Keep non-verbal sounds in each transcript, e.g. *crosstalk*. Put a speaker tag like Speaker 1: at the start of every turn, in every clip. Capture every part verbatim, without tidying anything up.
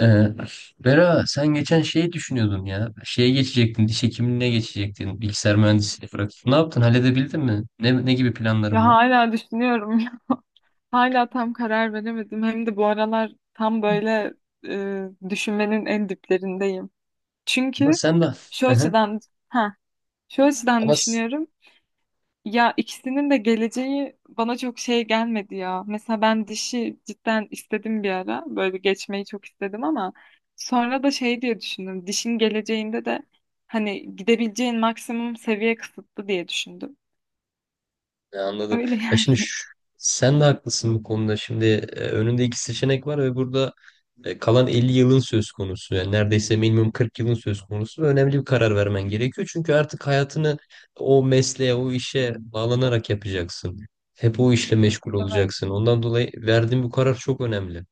Speaker 1: Ee, Bera, sen geçen şeyi düşünüyordun ya. Şeye geçecektin, diş hekimliğine geçecektin. Bilgisayar mühendisliğini bırakıp. Ne yaptın? Halledebildin mi? Ne, ne gibi
Speaker 2: Ya
Speaker 1: planların var?
Speaker 2: hala düşünüyorum. *laughs* Hala tam karar veremedim. Hem de bu aralar tam böyle e, düşünmenin en diplerindeyim.
Speaker 1: Ama
Speaker 2: Çünkü
Speaker 1: sen de...
Speaker 2: şu
Speaker 1: Hı hı.
Speaker 2: açıdan ha şu açıdan
Speaker 1: Ama s-
Speaker 2: düşünüyorum. Ya ikisinin de geleceği bana çok şey gelmedi ya. Mesela ben dişi cidden istedim bir ara. Böyle geçmeyi çok istedim ama sonra da şey diye düşündüm. Dişin geleceğinde de hani gidebileceğin maksimum seviye kısıtlı diye düşündüm.
Speaker 1: Ya, anladım.
Speaker 2: Öyle
Speaker 1: Ya şimdi
Speaker 2: yani.
Speaker 1: şu- sen de haklısın bu konuda. Şimdi e, önünde iki seçenek var ve burada e, kalan elli yılın söz konusu. Yani neredeyse minimum kırk yılın söz konusu. Ve önemli bir karar vermen gerekiyor. Çünkü artık hayatını o mesleğe, o işe bağlanarak yapacaksın. Hep o işle meşgul
Speaker 2: *laughs* Evet.
Speaker 1: olacaksın. Ondan dolayı verdiğin bu karar çok önemli.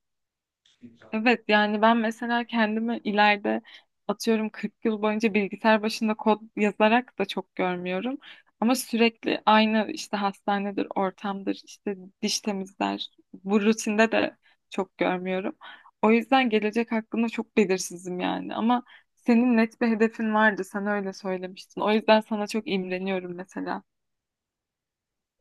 Speaker 2: Evet yani ben mesela kendimi ileride atıyorum kırk yıl boyunca bilgisayar başında kod yazarak da çok görmüyorum. Ama sürekli aynı işte hastanedir, ortamdır, işte diş temizler. Bu rutinde de çok görmüyorum. O yüzden gelecek hakkında çok belirsizim yani. Ama senin net bir hedefin vardı. Sen öyle söylemiştin. O yüzden sana çok imreniyorum mesela.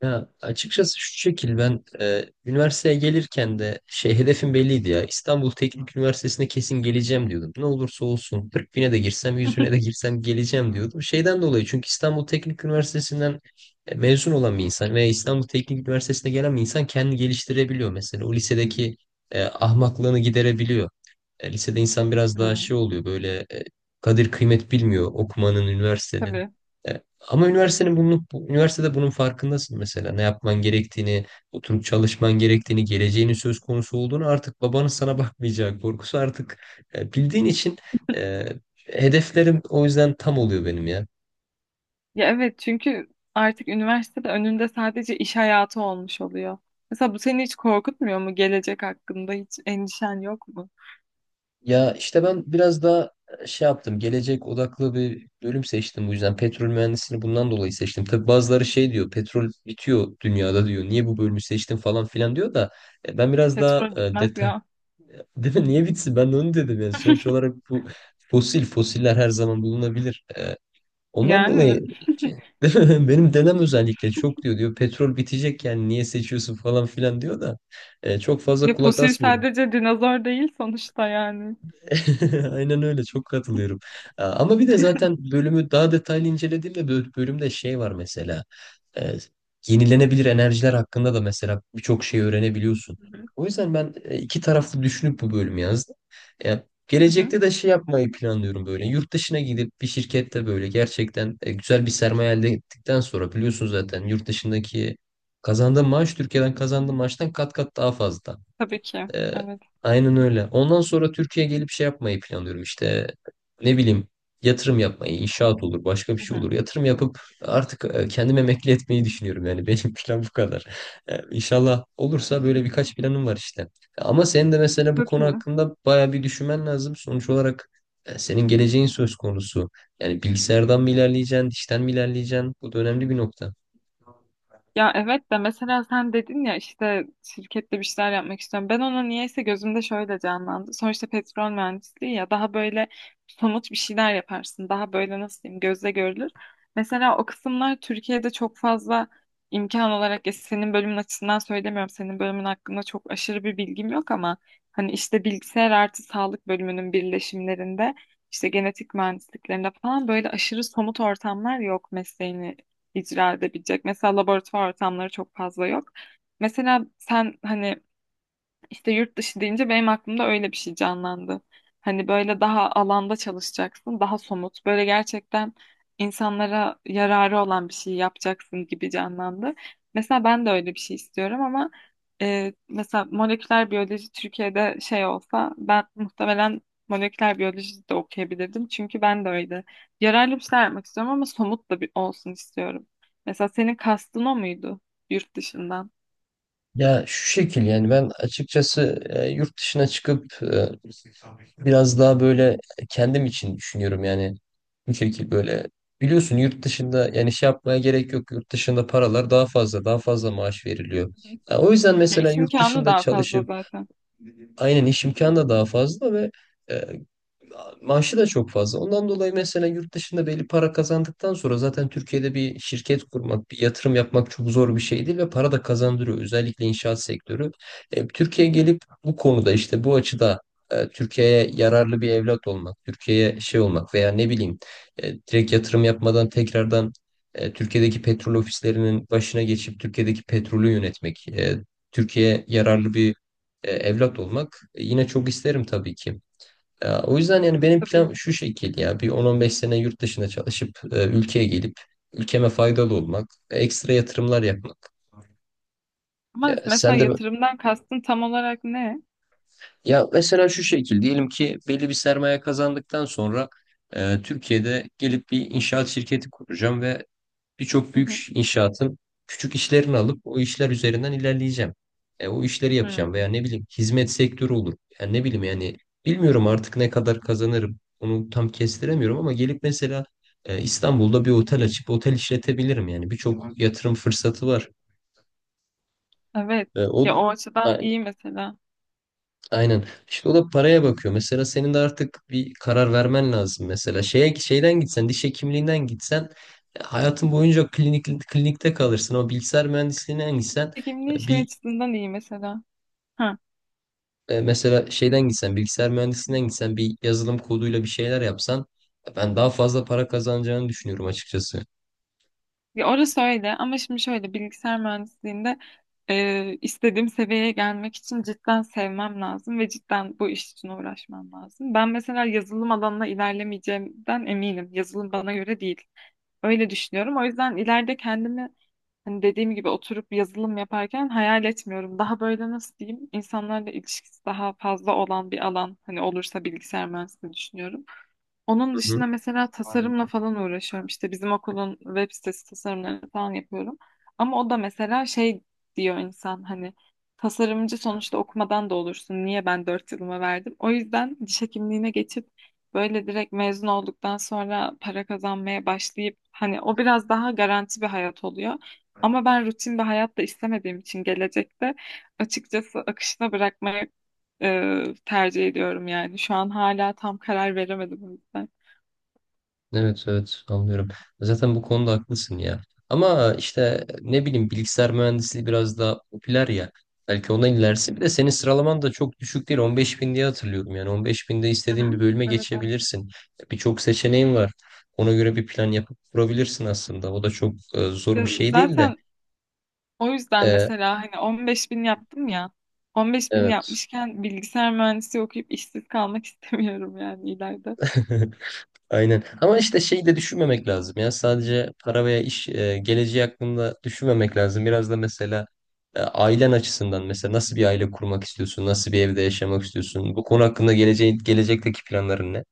Speaker 1: Ya, açıkçası şu şekil: ben e, üniversiteye gelirken de şey hedefim belliydi ya, İstanbul Teknik Üniversitesi'ne kesin geleceğim diyordum. Ne olursa olsun kırk bine de girsem yüz bine de
Speaker 2: *laughs*
Speaker 1: girsem geleceğim diyordum. Şeyden dolayı, çünkü İstanbul Teknik Üniversitesi'nden e, mezun olan bir insan veya İstanbul Teknik Üniversitesi'ne gelen bir insan kendini geliştirebiliyor mesela. O lisedeki e, ahmaklığını giderebiliyor. E, lisede insan biraz daha
Speaker 2: Hmm.
Speaker 1: şey oluyor böyle, e, kadir kıymet bilmiyor okumanın, üniversitenin.
Speaker 2: Tabii.
Speaker 1: E, Ama üniversitenin bunun, bu- üniversitede bunun farkındasın mesela. Ne yapman gerektiğini, oturup çalışman gerektiğini, geleceğinin söz konusu olduğunu, artık babanın sana bakmayacağı korkusu, artık e, bildiğin için e, hedeflerim o yüzden tam oluyor benim ya.
Speaker 2: Ya evet çünkü artık üniversitede önünde sadece iş hayatı olmuş oluyor. Mesela bu seni hiç korkutmuyor mu? Gelecek hakkında hiç endişen yok mu?
Speaker 1: Ya işte ben biraz daha şey yaptım. Gelecek odaklı bir bölüm seçtim bu yüzden. Petrol mühendisliğini bundan dolayı seçtim. Tabii bazıları şey diyor. Petrol bitiyor dünyada diyor. Niye bu bölümü seçtin falan filan diyor da e, ben biraz daha
Speaker 2: Petrol
Speaker 1: e,
Speaker 2: bitmez
Speaker 1: detay...
Speaker 2: ya.
Speaker 1: *laughs* Değil mi? Niye bitsin? Ben de onu dedim yani. Sonuç
Speaker 2: *laughs*
Speaker 1: olarak bu fosil fosiller her zaman bulunabilir. E, ondan dolayı
Speaker 2: Yani
Speaker 1: *laughs* değil mi? Benim dedem özellikle çok diyor diyor petrol bitecek yani niye seçiyorsun falan filan diyor da e, çok fazla
Speaker 2: ya
Speaker 1: kulak
Speaker 2: fosil
Speaker 1: asmıyorum.
Speaker 2: sadece dinozor değil sonuçta yani.
Speaker 1: *laughs* Aynen öyle, çok katılıyorum. Aa, ama bir de zaten bölümü daha detaylı incelediğimde bö- bölümde şey var mesela. e, Yenilenebilir enerjiler hakkında da mesela birçok şey öğrenebiliyorsun.
Speaker 2: Hı hı.
Speaker 1: O yüzden ben e, iki taraflı düşünüp bu bölümü yazdım. Ya,
Speaker 2: Hı hı.
Speaker 1: gelecekte de şey yapmayı planlıyorum böyle. Yurt dışına gidip bir şirkette böyle gerçekten e, güzel bir sermaye elde ettikten sonra, biliyorsun zaten yurt dışındaki kazandığın maaş Türkiye'den kazandığın maaştan kat kat daha fazla.
Speaker 2: Tabii ki.
Speaker 1: Ee,
Speaker 2: Evet.
Speaker 1: aynen öyle. Ondan sonra Türkiye'ye gelip şey yapmayı planlıyorum işte, ne bileyim, yatırım yapmayı, inşaat olur, başka bir
Speaker 2: Hı
Speaker 1: şey
Speaker 2: hı.
Speaker 1: olur. Yatırım yapıp artık e, kendimi emekli etmeyi düşünüyorum. Yani benim *laughs* plan bu kadar. Ee, İnşallah olursa böyle birkaç planım var işte. Ama senin de mesela bu
Speaker 2: Çok
Speaker 1: konu
Speaker 2: iyi.
Speaker 1: hakkında baya bir düşünmen lazım. Sonuç olarak e, senin geleceğin söz konusu. Yani bilgisayardan mı ilerleyeceksin, dişten mi ilerleyeceksin? Bu da önemli bir nokta.
Speaker 2: Ya evet de mesela sen dedin ya işte şirkette bir şeyler yapmak istiyorum. Ben ona niyeyse gözümde şöyle canlandı. Sonuçta petrol mühendisliği ya daha böyle somut bir şeyler yaparsın. Daha böyle nasıl diyeyim gözle görülür. Mesela o kısımlar Türkiye'de çok fazla imkan olarak ya senin bölümün açısından söylemiyorum. Senin bölümün hakkında çok aşırı bir bilgim yok ama hani işte bilgisayar artı sağlık bölümünün birleşimlerinde işte genetik mühendisliklerinde falan böyle aşırı somut ortamlar yok mesleğini icra edebilecek. Mesela laboratuvar ortamları çok fazla yok. Mesela sen hani işte yurt dışı deyince benim aklımda öyle bir şey canlandı. Hani böyle daha alanda çalışacaksın, daha somut, böyle gerçekten insanlara yararı olan bir şey yapacaksın gibi canlandı. Mesela ben de öyle bir şey istiyorum ama e, mesela moleküler biyoloji Türkiye'de şey olsa ben muhtemelen moleküler biyoloji de okuyabilirdim. Çünkü ben de öyle yararlı bir şeyler yapmak istiyorum ama somut da bir olsun istiyorum. Mesela senin kastın o muydu yurt dışından?
Speaker 1: Ya şu şekil yani, ben açıkçası e, yurt dışına çıkıp biraz daha böyle kendim için düşünüyorum yani, bu şekilde böyle. Biliyorsun yurt dışında, yani şey yapmaya gerek yok, yurt dışında paralar daha fazla daha fazla maaş veriliyor. Ya o yüzden
Speaker 2: Ya
Speaker 1: mesela
Speaker 2: iş
Speaker 1: yurt
Speaker 2: imkanı
Speaker 1: dışında
Speaker 2: daha fazla
Speaker 1: çalışıp,
Speaker 2: zaten.
Speaker 1: aynen, iş imkanı da daha fazla ve e, maaşı da çok fazla. Ondan dolayı mesela yurt dışında belli para kazandıktan sonra zaten Türkiye'de bir şirket kurmak, bir yatırım yapmak çok zor bir şey değil ve para da kazandırıyor. Özellikle inşaat sektörü. E, Türkiye'ye gelip bu konuda işte, bu açıda e, Türkiye'ye yararlı bir evlat olmak, Türkiye'ye şey olmak, veya ne bileyim e, direkt yatırım yapmadan tekrardan e, Türkiye'deki petrol ofislerinin başına geçip Türkiye'deki petrolü yönetmek, e, Türkiye'ye yararlı bir e, evlat olmak e, yine çok isterim tabii ki. Ya, o yüzden yani benim
Speaker 2: Tabii.
Speaker 1: plan şu şekilde: ya bir on on beş sene yurt dışına çalışıp e, ülkeye gelip ülkeme faydalı olmak, ekstra yatırımlar yapmak.
Speaker 2: Ama
Speaker 1: Ya,
Speaker 2: mesela
Speaker 1: sen de
Speaker 2: yatırımdan kastın tam olarak ne?
Speaker 1: ya, mesela şu şekil: diyelim ki belli bir sermaye kazandıktan sonra e, Türkiye'de gelip bir inşaat şirketi kuracağım ve birçok
Speaker 2: Hı hı.
Speaker 1: büyük inşaatın küçük işlerini alıp o işler üzerinden ilerleyeceğim. E, o işleri yapacağım, veya
Speaker 2: Hmm.
Speaker 1: ne bileyim, hizmet sektörü olur. Yani ne bileyim yani, bilmiyorum artık ne kadar kazanırım. Onu tam kestiremiyorum ama gelip mesela e, İstanbul'da bir otel açıp otel işletebilirim. Yani birçok yatırım fırsatı var.
Speaker 2: Evet.
Speaker 1: E, o
Speaker 2: Ya o açıdan iyi mesela.
Speaker 1: Aynen. İşte o da paraya bakıyor. Mesela senin de artık bir karar vermen lazım. Mesela şeye, şeyden gitsen, diş hekimliğinden gitsen e, hayatın boyunca klinik klinikte kalırsın. Ama bilgisayar mühendisliğinden gitsen
Speaker 2: Çekimliği
Speaker 1: e,
Speaker 2: şey
Speaker 1: bir
Speaker 2: açısından iyi mesela. Hı.
Speaker 1: e, mesela şeyden gitsen, bilgisayar mühendisliğinden gitsen bir yazılım koduyla bir şeyler yapsan, e, ben daha fazla para kazanacağını düşünüyorum açıkçası.
Speaker 2: Ya orası öyle ama şimdi şöyle bilgisayar mühendisliğinde e, istediğim seviyeye gelmek için cidden sevmem lazım ve cidden bu iş için uğraşmam lazım. Ben mesela yazılım alanına ilerlemeyeceğimden eminim. Yazılım bana göre değil. Öyle düşünüyorum. O yüzden ileride kendimi hani dediğim gibi oturup yazılım yaparken hayal etmiyorum. Daha böyle nasıl diyeyim insanlarla ilişkisi daha fazla olan bir alan hani olursa bilgisayar mühendisliği düşünüyorum. Onun
Speaker 1: Hı.
Speaker 2: dışında mesela tasarımla falan uğraşıyorum. İşte bizim okulun web sitesi tasarımlarını falan yapıyorum. Ama o da mesela şey diyor insan hani tasarımcı sonuçta okumadan da olursun. Niye ben dört yılımı verdim? O yüzden diş hekimliğine geçip böyle direkt mezun olduktan sonra para kazanmaya başlayıp hani o biraz daha garanti bir hayat oluyor. Ama ben rutin bir hayat da istemediğim için gelecekte açıkçası akışına bırakmaya e, tercih ediyorum yani. Şu an hala tam karar veremedim o yüzden.
Speaker 1: Evet, evet, anlıyorum. Zaten bu konuda haklısın ya. Ama işte ne bileyim, bilgisayar mühendisliği biraz daha popüler ya. Belki ona ilerisi. Bir de senin sıralaman da çok düşük değil. on beş bin diye hatırlıyorum yani. on beş binde
Speaker 2: Hı
Speaker 1: istediğin bir
Speaker 2: hı.
Speaker 1: bölüme
Speaker 2: Evet anladım.
Speaker 1: geçebilirsin. Birçok seçeneğin var. Ona göre bir plan yapıp kurabilirsin aslında. O da çok e, zor
Speaker 2: Ya
Speaker 1: bir şey değil de.
Speaker 2: Zaten o yüzden
Speaker 1: E,
Speaker 2: mesela hani on beş bin yaptım ya on beş bin
Speaker 1: evet.
Speaker 2: yapmışken bilgisayar mühendisi okuyup işsiz kalmak *laughs* istemiyorum yani ileride.
Speaker 1: *laughs* Aynen. Ama işte şeyi de düşünmemek lazım ya. Sadece para veya iş e, geleceği hakkında düşünmemek lazım. Biraz da mesela e, ailen açısından mesela, nasıl bir aile kurmak istiyorsun? Nasıl bir evde yaşamak istiyorsun? Bu konu hakkında geleceğin, gelecekteki planların ne?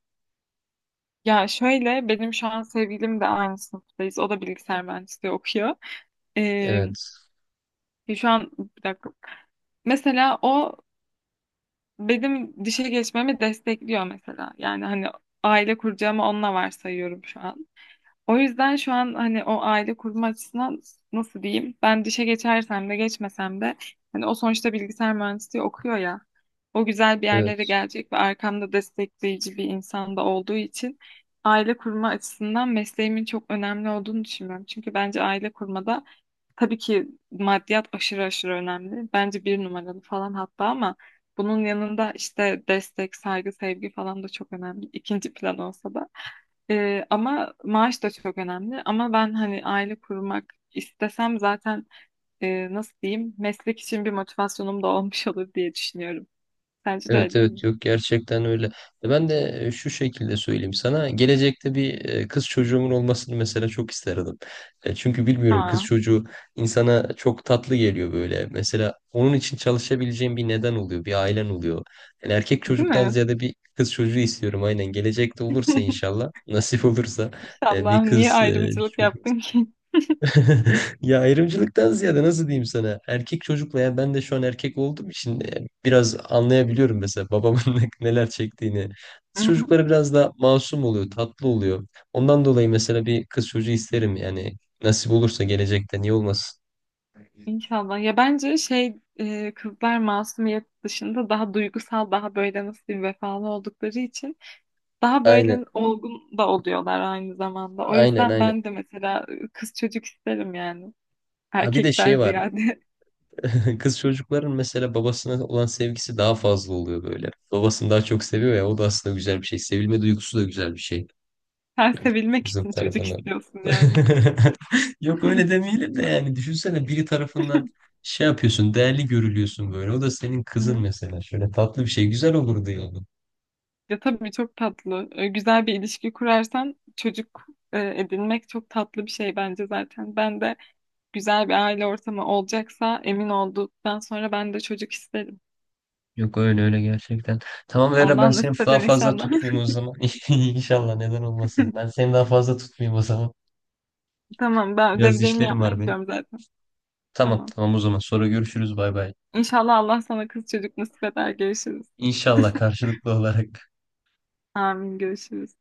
Speaker 2: Ya şöyle benim şu an sevgilim de aynı sınıftayız. O da bilgisayar mühendisliği okuyor. Ee,
Speaker 1: Evet.
Speaker 2: şu an bir dakika. Mesela o benim dişe geçmemi destekliyor mesela. Yani hani aile kuracağımı onunla varsayıyorum şu an. O yüzden şu an hani o aile kurma açısından nasıl diyeyim? Ben dişe geçersem de geçmesem de hani o sonuçta bilgisayar mühendisliği okuyor ya. O güzel bir yerlere
Speaker 1: Evet.
Speaker 2: gelecek ve arkamda destekleyici bir insan da olduğu için aile kurma açısından mesleğimin çok önemli olduğunu düşünüyorum. Çünkü bence aile kurmada tabii ki maddiyat aşırı aşırı önemli. Bence bir numaralı falan hatta ama bunun yanında işte destek, saygı, sevgi falan da çok önemli. İkinci plan olsa da. Ee, ama maaş da çok önemli. Ama ben hani aile kurmak istesem zaten e, nasıl diyeyim meslek için bir motivasyonum da *laughs* olmuş olur diye düşünüyorum. Sence de
Speaker 1: Evet,
Speaker 2: öyle değil mi?
Speaker 1: evet, yok, gerçekten öyle. E Ben de e, şu şekilde söyleyeyim sana. Gelecekte bir e, kız çocuğumun olmasını mesela çok isterdim. E, Çünkü bilmiyorum, kız
Speaker 2: Aa,
Speaker 1: çocuğu insana çok tatlı geliyor böyle. Mesela onun için çalışabileceğim bir neden oluyor, bir ailen oluyor. Yani erkek
Speaker 2: değil
Speaker 1: çocuktan
Speaker 2: mi?
Speaker 1: ziyade bir kız çocuğu istiyorum, aynen. Gelecekte olursa
Speaker 2: *laughs*
Speaker 1: inşallah, *laughs* nasip olursa e, bir
Speaker 2: İnşallah. Niye
Speaker 1: kız e,
Speaker 2: ayrımcılık
Speaker 1: çocuğu.
Speaker 2: yaptın ki?
Speaker 1: *laughs* Ya, ayrımcılıktan ziyade nasıl diyeyim sana? Erkek çocukla, ya ben de şu an erkek olduğum için e, biraz anlayabiliyorum mesela babamın *laughs* ne- neler çektiğini. Kız
Speaker 2: *laughs*
Speaker 1: çocukları biraz daha masum oluyor, tatlı oluyor. Ondan dolayı mesela bir kız çocuğu isterim yani, nasip olursa gelecekte niye olmasın?
Speaker 2: İnşallah. Ya bence şey e, kızlar masumiyet dışında daha duygusal, daha böyle nasıl diyeyim vefalı oldukları için daha
Speaker 1: Aynen,
Speaker 2: böyle olgun da oluyorlar aynı zamanda. O
Speaker 1: aynen,
Speaker 2: yüzden
Speaker 1: aynen.
Speaker 2: ben de mesela e, kız çocuk isterim yani.
Speaker 1: Ha, bir de
Speaker 2: Erkekten
Speaker 1: şey var.
Speaker 2: ziyade
Speaker 1: *laughs* Kız çocukların mesela babasına olan sevgisi daha fazla oluyor böyle. Babasını daha çok seviyor ya, o da aslında güzel bir şey. Sevilme duygusu da güzel bir şey.
Speaker 2: *laughs* sen sevilmek
Speaker 1: Kızım
Speaker 2: için çocuk
Speaker 1: tarafından.
Speaker 2: istiyorsun yani.
Speaker 1: *laughs* Yok, öyle
Speaker 2: *laughs*
Speaker 1: demeyelim de yani düşünsene, biri tarafından şey yapıyorsun, değerli görülüyorsun böyle. O da senin
Speaker 2: Hı
Speaker 1: kızın
Speaker 2: hı.
Speaker 1: mesela. Şöyle tatlı bir şey güzel olurdu yani.
Speaker 2: Ya tabii çok tatlı. Ee, Güzel bir ilişki kurarsan çocuk e, edinmek çok tatlı bir şey bence zaten. Ben de güzel bir aile ortamı olacaksa emin olduktan sonra ben de çocuk isterim.
Speaker 1: Yok, öyle öyle, gerçekten. Tamam Vera,
Speaker 2: Allah
Speaker 1: ben seni
Speaker 2: nasip
Speaker 1: daha
Speaker 2: eder
Speaker 1: fazla
Speaker 2: inşallah.
Speaker 1: tutmayayım o zaman. *laughs* İnşallah, neden olmasın. Ben
Speaker 2: *laughs*
Speaker 1: seni daha fazla tutmayayım o zaman.
Speaker 2: Tamam ben
Speaker 1: Biraz
Speaker 2: ödevlerimi
Speaker 1: işlerim
Speaker 2: yapmaya
Speaker 1: var benim.
Speaker 2: gidiyorum zaten.
Speaker 1: Tamam,
Speaker 2: Tamam.
Speaker 1: tamam, o zaman sonra görüşürüz, bay bay.
Speaker 2: İnşallah Allah sana kız çocuk nasip eder. Görüşürüz.
Speaker 1: İnşallah
Speaker 2: *laughs*
Speaker 1: karşılıklı olarak.
Speaker 2: Amin görüşürüz.